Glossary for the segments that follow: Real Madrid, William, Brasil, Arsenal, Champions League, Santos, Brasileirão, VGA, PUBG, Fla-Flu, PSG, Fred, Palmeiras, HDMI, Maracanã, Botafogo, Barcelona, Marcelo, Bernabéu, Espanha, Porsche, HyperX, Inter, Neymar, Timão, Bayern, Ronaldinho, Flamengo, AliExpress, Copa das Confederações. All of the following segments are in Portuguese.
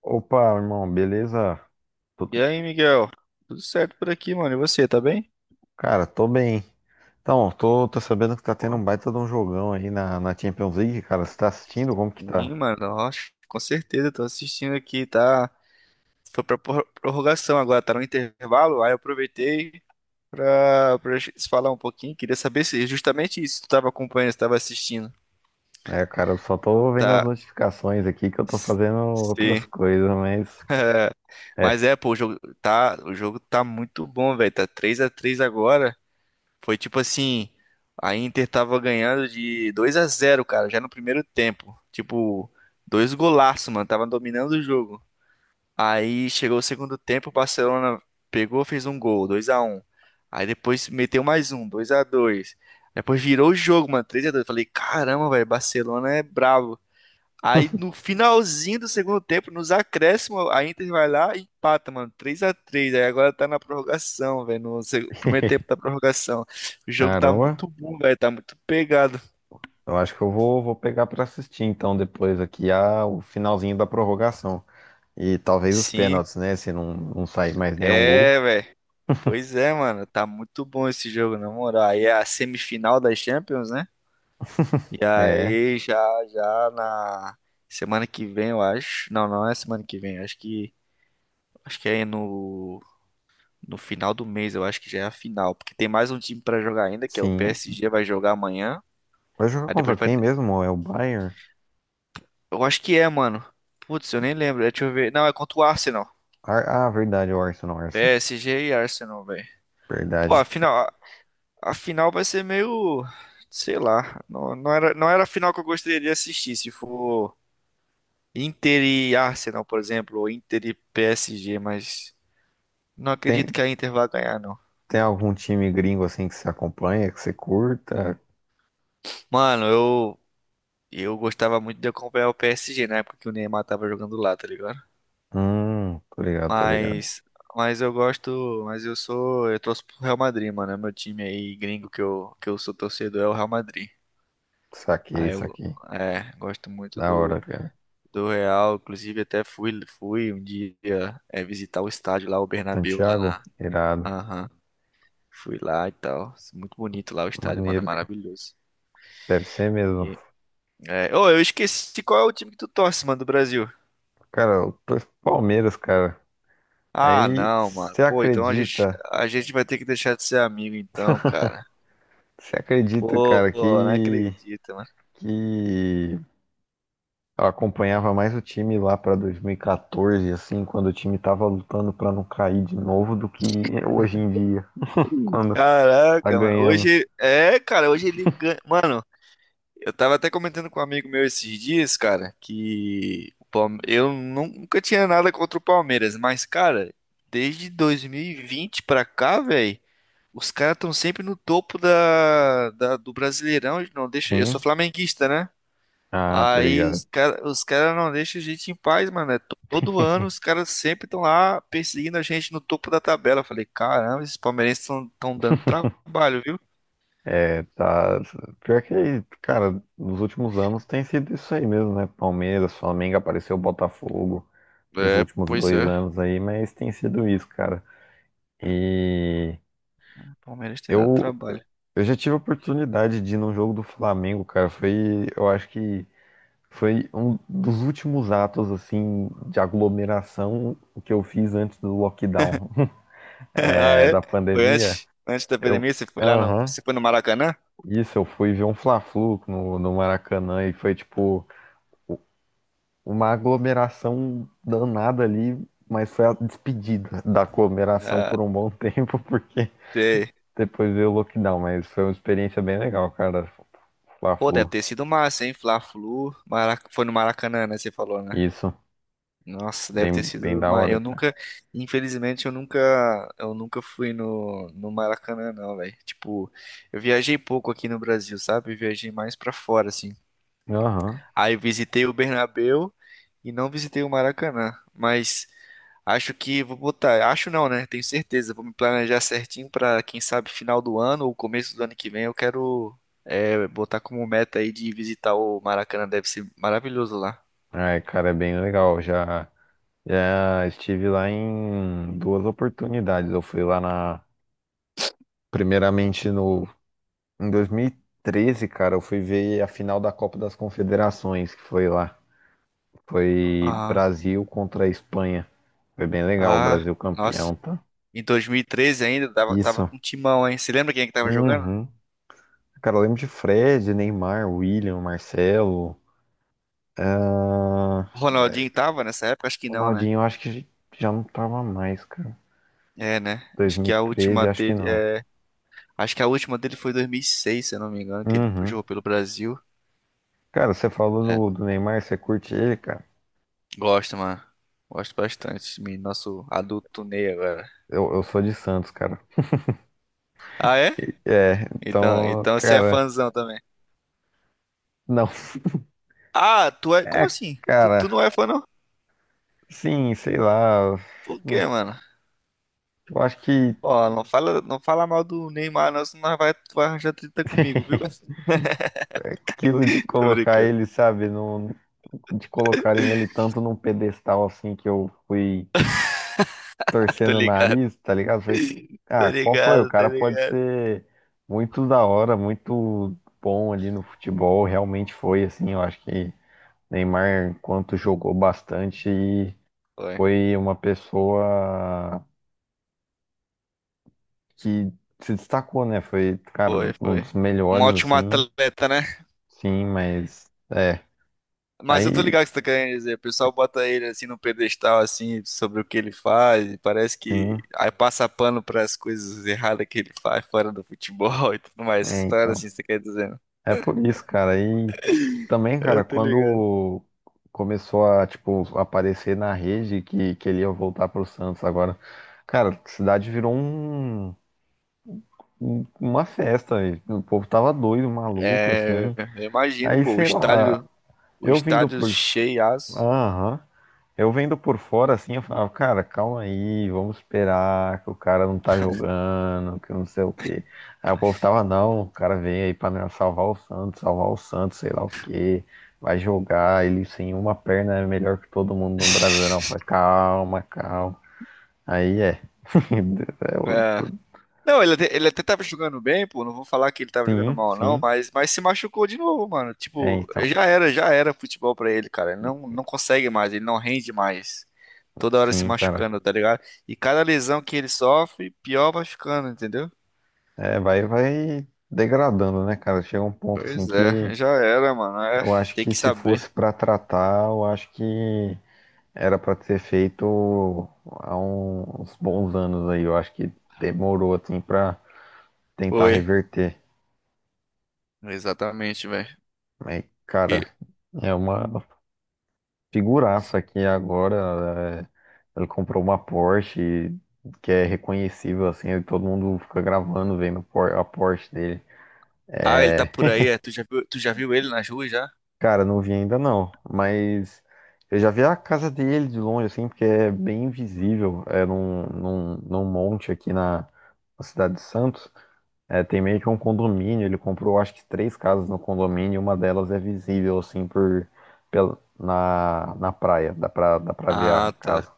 Opa, irmão, beleza? E Tudo... aí, Miguel? Tudo certo por aqui, mano? E você, tá bem? Cara, tô bem. Então, tô sabendo que tá tendo Pô, um baita de um jogão aí na Champions League, cara. Você tá assistindo? Como que sim, tá? mano, ó, com certeza, tô assistindo aqui, tá? Foi prorrogação agora, tá no intervalo, aí eu aproveitei pra gente se falar um pouquinho. Queria saber se justamente isso tu tava acompanhando, se tava assistindo. É, cara, eu só tô vendo as Tá. notificações aqui que eu tô S- fazendo outras Sim. coisas, mas. É. É. Mas é, pô, o jogo tá muito bom, velho. Tá três a três agora. Foi tipo assim, a Inter tava ganhando de 2 a zero, cara, já no primeiro tempo. Tipo, dois golaços, mano, tava dominando o jogo. Aí chegou o segundo tempo, o Barcelona pegou, fez um gol, 2 a um. Aí depois meteu mais um, 2 a 2. Depois virou o jogo, mano, 3 a 2. Falei, caramba, velho, Barcelona é brabo. Aí no finalzinho do segundo tempo, nos acréscimos, a Inter vai lá e empata, mano. 3x3. Aí agora tá na prorrogação, velho. No primeiro tempo da prorrogação. O jogo tá Caramba, muito bom, velho. Tá muito pegado. eu acho que eu vou pegar pra assistir então depois aqui a, o finalzinho da prorrogação. E talvez os Sim, pênaltis, né? Se não, não sair mais nenhum gol. é, velho. Pois é, mano. Tá muito bom esse jogo, na moral. Aí é a semifinal das Champions, né? E É, aí já, já na semana que vem, eu acho. Não, não é semana que vem. Acho que é no final do mês, eu acho que já é a final, porque tem mais um time pra jogar ainda, que é o sim. PSG, vai jogar amanhã. Vai jogar Aí contra depois vai. quem mesmo? É o Bayern? Eu acho que é, mano. Putz, eu nem lembro. Deixa eu ver. Não, é contra o Arsenal. Ah, verdade, o Arsenal, Arsenal. PSG e Arsenal, velho. Pô, a Verdade. final, a a final vai ser meio. Sei lá. Não, não era a final que eu gostaria de assistir. Se for Inter e Arsenal, por exemplo, ou Inter e PSG, mas não acredito Tem, que a Inter vá ganhar, não. tem algum time gringo assim que você acompanha, que você curta? Mano, eu, eu gostava muito de acompanhar o PSG na época que o Neymar tava jogando lá, tá ligado? Tô ligado, tô ligado. Mas, mas eu gosto, eu torço pro Real Madrid, mano. É meu time aí gringo que eu sou torcedor é o Real Madrid. Saquei, Aí eu, saquei. é, Da hora, cara. do Real. Inclusive até fui um dia é, visitar o estádio lá, o Bernabéu lá Santiago, na, irado. aham, fui lá e tal. Muito bonito lá o estádio, mano, é Maneiro, cara. maravilhoso. Deve ser mesmo. E, é, ô, eu esqueci qual é o time que tu torce, mano, do Brasil. Cara, eu torço pro Palmeiras, cara. Ah, Aí, não, mano. Pô, então a gente vai ter que deixar de ser amigo, então, cara. você acredita, Pô, cara, não que, acredito, que eu acompanhava mais o time lá para 2014, assim, quando o time tava lutando para não cair de novo, do que hoje em dia, mano. quando tá Caraca, mano. ganhando. Hoje, é, cara, hoje ele ganha. Mano, eu tava até comentando com um amigo meu esses dias, cara, que o nunca tinha nada contra o Palmeiras, mas, cara, desde 2020 pra cá, velho, os caras tão sempre no topo do Brasileirão. Não deixa. Eu sou Sim. flamenguista, né? Ah, tá Aí ligado. Os cara não deixam a gente em paz, mano. É todo ano os caras sempre estão lá perseguindo a gente no topo da tabela. Eu falei, caramba, esses palmeirenses estão dando trabalho, viu? É, tá. Pior que, cara, nos últimos anos tem sido isso aí mesmo, né? Palmeiras, Flamengo, apareceu o Botafogo nos É, últimos pois dois é. anos aí, mas tem sido isso, cara. E Palmeiras tem dado eu, trabalho. eu já tive a oportunidade de ir num jogo do Flamengo, cara. Foi, eu acho que foi um dos últimos atos assim de aglomeração que eu fiz antes do lockdown, Ah, é, é? da pandemia. Antes da Eu, pandemia? Você foi lá, não? aham, Você foi no Maracanã? isso, eu fui ver um Fla-Flu no Maracanã e foi tipo uma aglomeração danada ali, mas foi a despedida da aglomeração Ah, por um bom tempo, porque sei. depois veio o lockdown, mas foi uma experiência bem legal, cara, Pô, deve Fla-Flu. ter sido massa, hein? Fla-Flu. Foi no Maracanã, né? Você falou, né? Isso, Nossa, deve ter bem sido da uma. hora, Eu cara. nunca, infelizmente, eu nunca fui no Maracanã, não, velho. Tipo, eu viajei pouco aqui no Brasil, sabe? Eu viajei mais pra fora, assim. Aham. Aí eu visitei o Bernabéu e não visitei o Maracanã, mas acho que vou botar, acho não, né? Tenho certeza, vou me planejar certinho pra, quem sabe final do ano ou começo do ano que vem, eu quero é, botar como meta aí de visitar o Maracanã, deve ser maravilhoso lá. Ai, cara, é bem legal. Já já estive lá em duas oportunidades. Eu fui lá na, primeiramente no, em 2013, cara, eu fui ver a final da Copa das Confederações, que foi lá. Foi Ah, Brasil contra a Espanha. Foi bem legal, o ah, Brasil nossa. campeão, tá? Em 2013 ainda, tava Isso. com o Timão, hein? Você lembra quem é que tava jogando? Uhum. Cara, eu lembro de Fred, Neymar, William, Marcelo. Ah, Ronaldinho tava nessa época? Acho que não, né? Ronaldinho, eu acho que já não tava mais, cara. É, né? Acho que a última 2013, acho que dele, não. é, acho que a última dele foi em 2006, se eu não me engano, que ele Uhum. jogou pelo Brasil. Cara, você É, falou do Neymar, você curte ele, cara? gosto, mano. Gosto bastante desse menino. Nosso adulto Ney agora. Eu sou de Santos, cara. Ah, é? É, Então, então, então você é cara, fãzão também. não. Ah, tu é. Como É, assim? Cara, Tu não é fã, não? sim, sei lá. Por quê, mano? Eu acho que Ó, não fala mal do Neymar, não, senão vai, tu vai arranjar treta comigo, viu? aquilo de Tô colocar brincando. ele, sabe, de colocarem ele tanto num pedestal assim que eu fui Tô torcendo o ligado. nariz, tá ligado? Falei, Tá ah, qual foi? O ligado, tá cara pode ligado. ser muito da hora, muito bom ali no futebol, realmente foi assim. Eu acho que Neymar, enquanto jogou bastante, Foi, foi uma pessoa que se destacou, né? Foi, cara, um foi. dos Um melhores, ótimo assim. atleta, né? Sim, mas. É. Mas eu tô Aí, ligado o que você tá querendo dizer. O pessoal bota ele assim no pedestal, assim, sobre o que ele faz, e parece que sim. aí passa pano pras coisas erradas que ele faz fora do futebol e tudo mais. Essa É, história então. assim, você quer dizer? Né? É por isso, cara. Aí também, Eu cara, tô ligado. quando começou a, tipo, aparecer na rede que ele ia voltar pro Santos agora. Cara, a cidade virou um, uma festa, velho. O povo tava doido, maluco, É, assim. eu imagino, Aí, pô, sei lá. O Eu vindo estádio por. cheiaço. Aham. Eu vendo por fora assim, eu falava, cara, calma aí, vamos esperar que o cara não tá jogando, que não sei o quê. Aí o povo tava, não, o cara veio aí pra salvar o Santos, sei lá o quê, vai jogar, ele sem uma perna é melhor que todo mundo no Brasileirão. Eu falei, calma, calma. Aí é. É, É. Não, ele até tava jogando bem, pô. Não vou falar que ele tava jogando sim, mal, não, sim. Mas se machucou de novo, mano. É, Tipo, então, já era futebol pra ele, cara. Ele não, não consegue mais, ele não rende mais. Toda hora se sim, cara. machucando, tá ligado? E cada lesão que ele sofre, pior vai ficando, entendeu? É, vai degradando, né, cara? Chega um ponto assim Pois é, que já era, mano. É, eu acho tem que que se fosse saber. pra tratar, eu acho que era pra ser feito há uns bons anos aí. Eu acho que demorou assim pra tentar Foi. reverter. Exatamente, velho. Mas, E- cara, é uma figuraça aqui agora. É, ele comprou uma Porsche que é reconhecível assim, e todo mundo fica gravando vendo a Porsche dele. Ah, ele É, tá por aí, é? Tu já viu ele nas ruas já? cara, não vi ainda não, mas eu já vi a casa dele de longe, assim, porque é bem visível, é num monte aqui na cidade de Santos. É, tem meio que um condomínio, ele comprou acho que três casas no condomínio, uma delas é visível assim por pela, na praia, dá pra ver a Ah, tá. casa.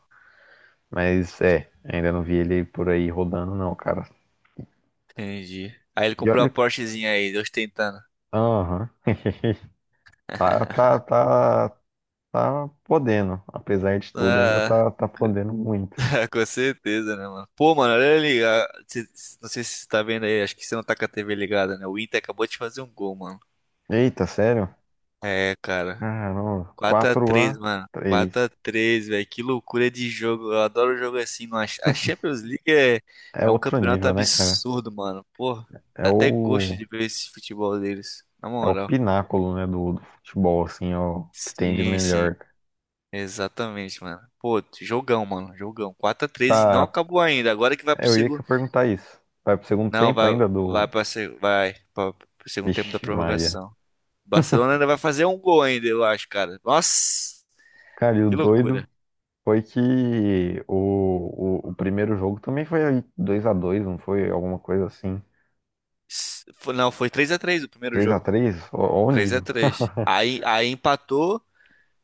Mas é, ainda não vi ele por aí rodando não, cara. Entendi. Aí ele E comprou a olha, Porschezinha aí, ostentando. aham. Tá, tá, tá, tá podendo, apesar de tudo, ainda Ah. tá podendo muito. Com certeza, né, mano? Pô, mano, olha ali. Não sei se você tá vendo aí, acho que você não tá com a TV ligada, né? O Inter acabou de fazer um gol, mano. Eita, sério? É, cara. Caramba, 4 a quatro 3, a mano. 4 três. a 3, velho. Que loucura de jogo. Eu adoro jogo assim, mano. A Champions League é, É é um outro campeonato nível, né, cara? absurdo, mano. Pô, É dá até gosto o de ver esse futebol deles. Na É o moral. pináculo, né, do, do futebol, assim, é o que tem de Sim, sim. melhor. Exatamente, mano. Pô, jogão, mano. Jogão. 4 a 3 e não Tá, acabou ainda. Agora que vai pro eu ia que segundo. perguntar isso. Vai pro segundo Não, tempo vai, ainda vai do... para vai para o segundo tempo da Ixi, Maria. prorrogação. O Barcelona ainda vai fazer um gol ainda, eu acho, cara. Nossa, Cara, e o que doido loucura. foi que o primeiro jogo também foi dois a dois, não foi? Alguma coisa assim. Não, foi três a três o primeiro Três a jogo. três. Ó ó o Três a nível. três. Aí empatou,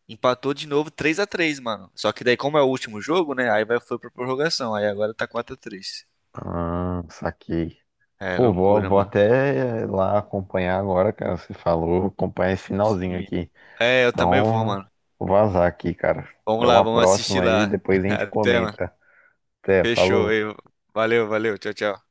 empatou de novo três a três, mano. Só que daí, como é o último jogo, né? Aí vai, foi pra prorrogação. Aí agora tá quatro a três. Ah, saquei. É, Pô, vou, loucura, vou mano. até lá acompanhar agora, cara, você falou, acompanhar esse finalzinho Sim. aqui. É, eu também vou, Então, mano. vou vazar aqui, cara. Vamos Até lá, uma vamos assistir próxima aí, lá. depois a gente Até, mano. comenta. Até, Fechou. falou. Valeu, valeu. Tchau, tchau.